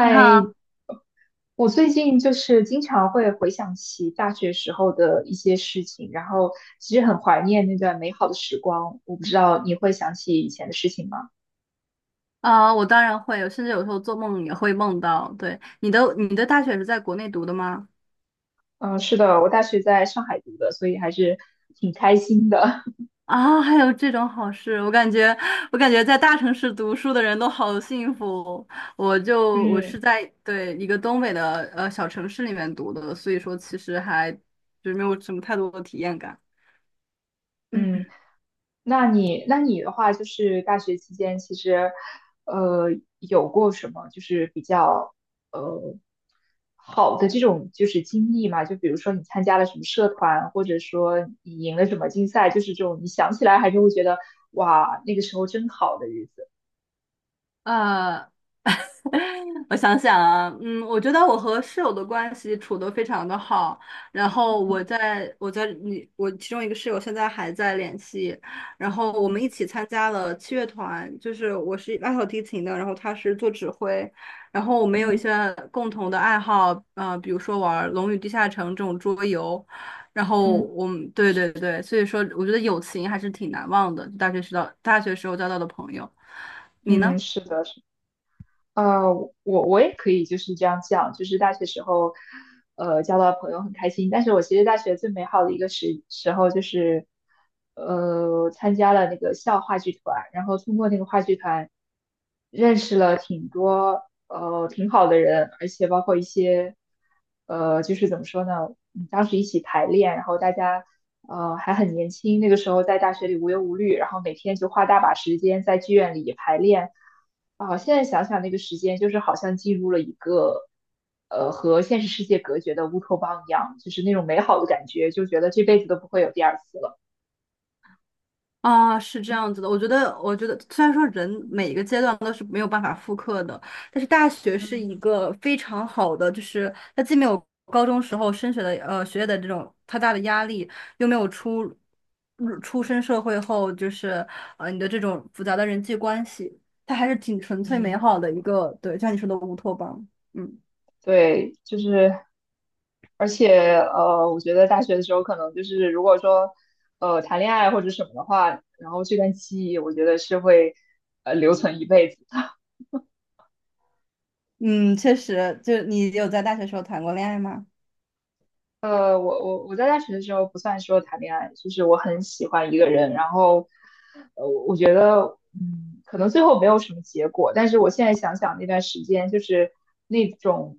你好，我最近就是经常会回想起大学时候的一些事情，然后其实很怀念那段美好的时光。我不知道你会想起以前的事情吗？我当然会，甚至有时候做梦也会梦到。对，你的大学是在国内读的吗？嗯，是的，我大学在上海读的，所以还是挺开心的。啊，还有这种好事，我感觉在大城市读书的人都好幸福。我是嗯在对一个东北的小城市里面读的，所以说其实还就是没有什么太多的体验感。嗯。嗯，那你的话，就是大学期间，其实，呃，有过什么就是比较呃好的这种就是经历嘛？就比如说你参加了什么社团，或者说你赢了什么竞赛，就是这种你想起来还是会觉得哇，那个时候真好的日子。呃，我想想啊，我觉得我和室友的关系处得非常的好，然后我嗯在我在你我其中一个室友现在还在联系，然后我们一嗯起参加了七乐团，就是我是拉小提琴的，然后他是做指挥，然后我们有一嗯些共同的爱好，比如说玩《龙与地下城》这种桌游，然后嗯，我们对对对，所以说我觉得友情还是挺难忘的，大学时候交到的朋友，你呢？嗯，是的，是。呃，我也可以就是这样讲，就是大学时候，交到的朋友很开心。但是我其实大学最美好的一个时候就是，参加了那个校话剧团，然后通过那个话剧团，认识了挺多挺好的人，而且包括一些。呃，就是怎么说呢？嗯当时一起排练，然后大家还很年轻，那个时候在大学里无忧无虑，然后每天就花大把时间在剧院里排练。啊，现在想想那个时间，就是好像进入了一个和现实世界隔绝的乌托邦一样，就是那种美好的感觉，就觉得这辈子都不会有第二次了。啊，是这样子的，我觉得，我觉得虽然说人嗯每一个阶段都是没有办法复刻的，但是大学是嗯。一个非常好的，就是它既没有高中时候升学的学业的这种太大的压力，又没有出身社会后就是你的这种复杂的人际关系，它还是挺纯粹美嗯，好的一个，对，就像你说的乌托邦。嗯对，就是。而且呃，我觉得大学的时候可能就是如果说谈恋爱或者什么的话，然后这段记忆，我觉得是会留存一辈子的。嗯，确实，就你有在大学时候谈过恋爱吗？我在大学的时候不算说谈恋爱，就是我很喜欢一个人，然后。觉得，嗯，可能最后没有什么结果，但是我现在想想那段时间，就是那种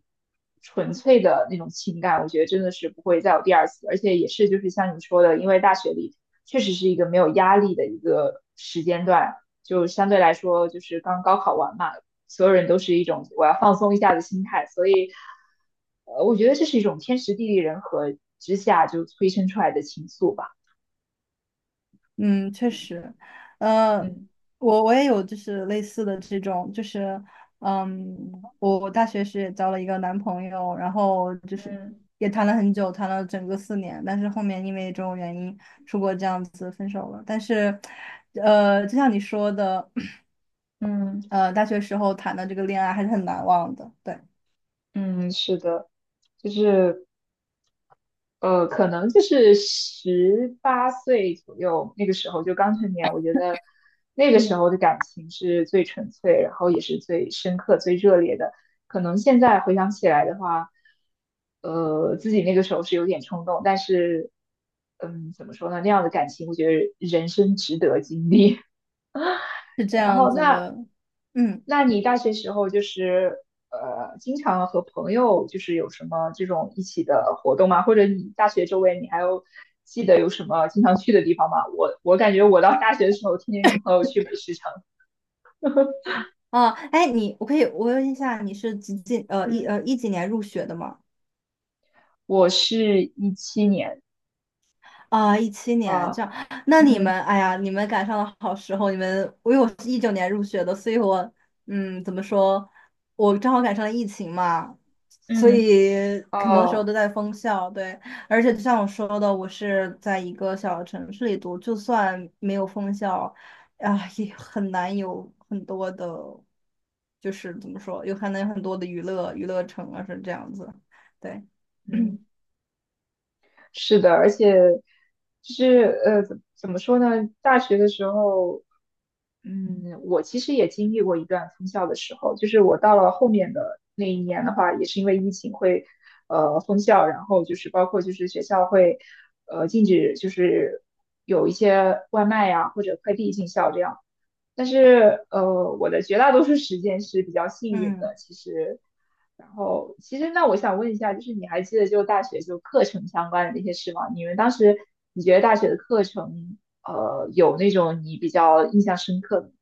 纯粹的那种情感，我觉得真的是不会再有第二次，而且也是就是像你说的，因为大学里确实是一个没有压力的一个时间段，就相对来说就是刚高考完嘛，所有人都是一种我要放松一下的心态，所以，呃，我觉得这是一种天时地利人和之下就催生出来的情愫吧，嗯，确嗯实，呃，嗯。我也有就是类似的这种，就是，嗯，我大学时也交了一个男朋友，然后就是嗯也谈了很久，谈了整个4年，但是后面因为种种原因出国这样子分手了。但是，就像你说的，嗯，大学时候谈的这个恋爱还是很难忘的，对，嗯，是的，就是可能就是18岁左右那个时候就刚成年，我觉得那个时嗯，候的感情是最纯粹，然后也是最深刻、最热烈的。可能现在回想起来的话，自己那个时候是有点冲动，但是嗯，怎么说呢？那样的感情，我觉得人生值得经历。是这然样后子那的，嗯，那你大学时候就是经常和朋友就是有什么这种一起的活动吗？或者你大学周围你还有记得有什么经常去的地方吗？我感觉我到大学的时候天天跟朋友去美食城 哦，哎，你我可以我问一下，你是几几 呃一嗯呃一几年入学的吗？我是17年啊，2017年这啊，样，那你嗯们，哎呀，你们赶上了好时候。你们，因为我是2019年入学的，所以我，怎么说，我正好赶上了疫情嘛，所嗯以很多时候哦都在封校。对，而且就像我说的，我是在一个小城市里读，就算没有封校，啊，也很难有很多的，就是怎么说，很难有很多的娱乐城啊，是这样子。对，嗯，是的，而且就是呃，怎么说呢？大学的时候。嗯，我其实也经历过一段封校的时候，就是我到了后面的那一年的话，也是因为疫情会，封校，然后就是包括就是学校会，禁止就是有一些外卖呀、或者快递进校这样。但是呃，我的绝大多数时间是比较幸运的，嗯。其实。然后其实那我想问一下，就是你还记得就大学就课程相关的那些事吗？你们当时你觉得大学的课程？呃，有那种你比较印象深刻的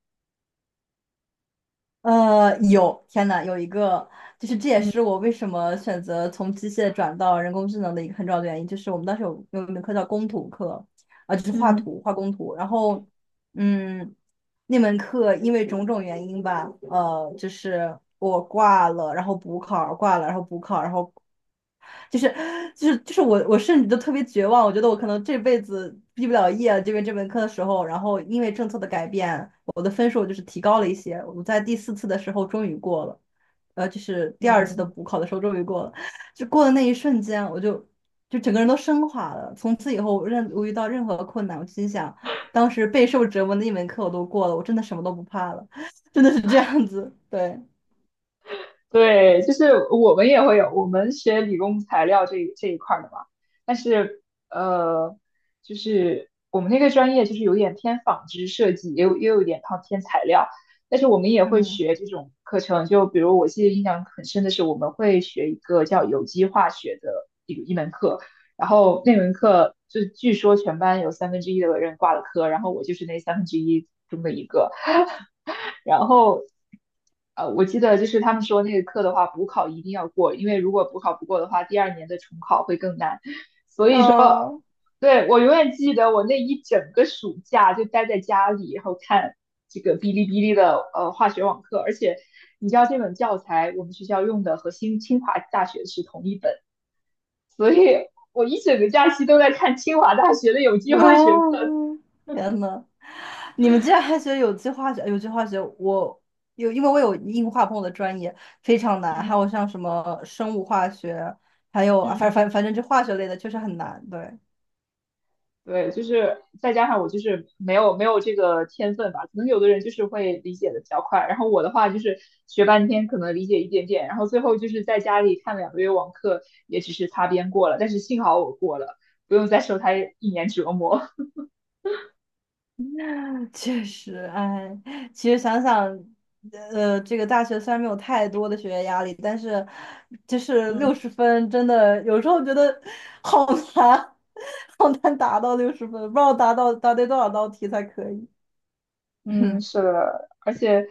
有，天呐，有一个，就是这也是嗯我为什么选择从机械转到人工智能的一个很重要的原因，就是我们当时有一门课叫工图课，啊、就是画嗯图、画工图，然后，嗯，那门课因为种种原因吧，就是我挂了，然后补考挂了，然后补考，然后就是就是我甚至都特别绝望，我觉得我可能这辈子毕不了业这边这门课的时候，然后因为政策的改变，我的分数就是提高了一些，我在第四次的时候终于过了，就是第二次的嗯，补考的时候终于过了，就过的那一瞬间，我就整个人都升华了，从此以后我遇到任何困难，我心想，当时备受折磨的一门课我都过了，我真的什么都不怕了，真的是这样子，对，对，就是我们也会有，我们学理工材料这一块儿的嘛，但是呃，就是我们那个专业就是有点偏纺织设计，也有也有一点靠偏材料，但是我们也会嗯，学这种课程，就比如我记得印象很深的是，我们会学一个叫有机化学的一门课，然后那门课就据说全班有三分之一的人挂了科，然后我就是那三分之一中的一个。然后，我记得就是他们说那个课的话，补考一定要过，因为如果补考不过的话，第二年的重考会更难。啊哦，对，我永远记得我那一整个暑假就待在家里，然后看这个哔哩哔哩的化学网课，而且你知道这本教材我们学校用的和新清华大学是同一本，所以我一整个假期都在看清华大学的有机化学课。天呐。你们竟然还学有机化学？有机化学，我有，因为我有硬化碰的专业非常难，还有嗯像什么生物化学，还有啊，反嗯。反反正这化学类的确实很难。对，对，就是再加上我就是没有这个天分吧，可能有的人就是会理解的比较快，然后我的话就是学半天可能理解一点点，然后最后就是在家里看2个月网课，也只是擦边过了，但是幸好我过了，不用再受他一年折磨。确实，哎，其实想想，这个大学虽然没有太多的学业压力，但是就 是嗯。六十分真的有时候觉得好难，好难达到60分，不知道达到答对多少道题才可以。嗯，是的，而且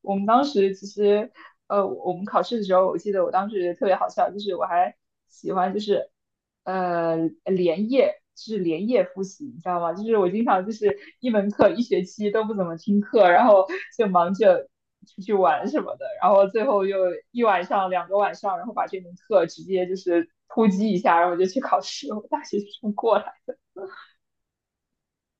我们当时其实，我们考试的时候，我记得我当时特别好笑，就是我还喜欢就是，呃，连夜复习，你知道吗？就是我经常就是一门课一学期都不怎么听课，然后就忙着出去玩什么的，然后最后又一晚上2个晚上，然后把这门课直接就是突击一下，然后就去考试了我大学就这么过了。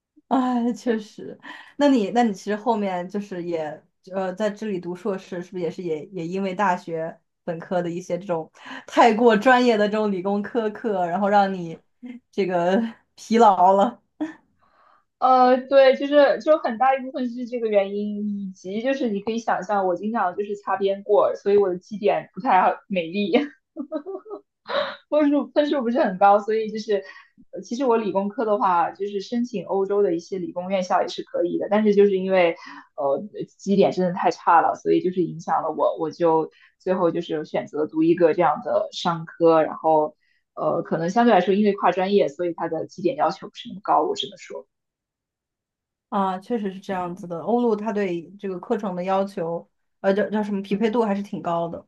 哎，确实。那你其实后面就是也在这里读硕士，是不是也因为大学本科的一些这种太过专业的这种理工科课，然后让你这个 疲劳了对，就是就很大一部分是这个原因，以及就是你可以想象，我经常就是擦边过，所以我的绩点不太好美丽，分数不是很高，所以就是其实我理工科的话，就是申请欧洲的一些理工院校也是可以的，但是就是因为呃绩点真的太差了，所以就是影响了我，我就最后就是选择读一个这样的商科，然后可能相对来说因为跨专业，所以它的绩点要求不是那么高，我只能说，啊？确实是这样子嗯的。欧陆它对这个课程的要求，叫什么匹配嗯。度还是挺高的。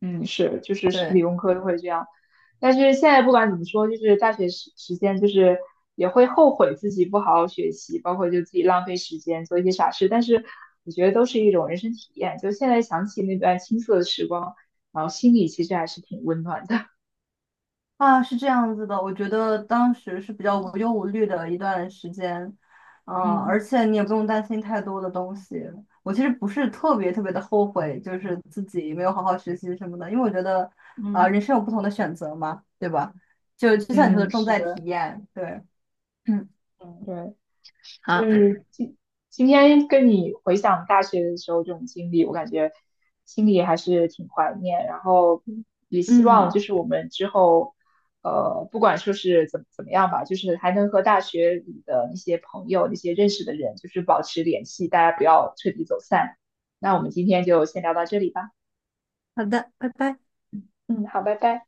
嗯，是，就是是对。理工科都会这样，但是现在不管怎么说，就是大学时间，就是也会后悔自己不好好学习，包括就自己浪费时间做一些傻事，但是我觉得都是一种人生体验。就现在想起那段青涩的时光，然后心里其实还是挺温暖的。啊，是这样子的，我觉得当时是比较无忧无虑的一段时间，而嗯且你也不用担心太多的东西。我其实不是特别特别的后悔，就是自己没有好好学习什么的，因为我觉得，啊、嗯，人生有不同的选择嘛，对吧？就就像你说的，嗯，重是在体的，验，对，嗯，嗯对。就好，是今天跟你回想大学的时候这种经历，我感觉心里还是挺怀念，然后也希望就嗯，是我们之后，不管说是怎么样吧，就是还能和大学里的那些朋友、那些认识的人，就是保持联系，大家不要彻底走散。那我们今天就先聊到这里吧。好的，拜拜。嗯，好，拜拜。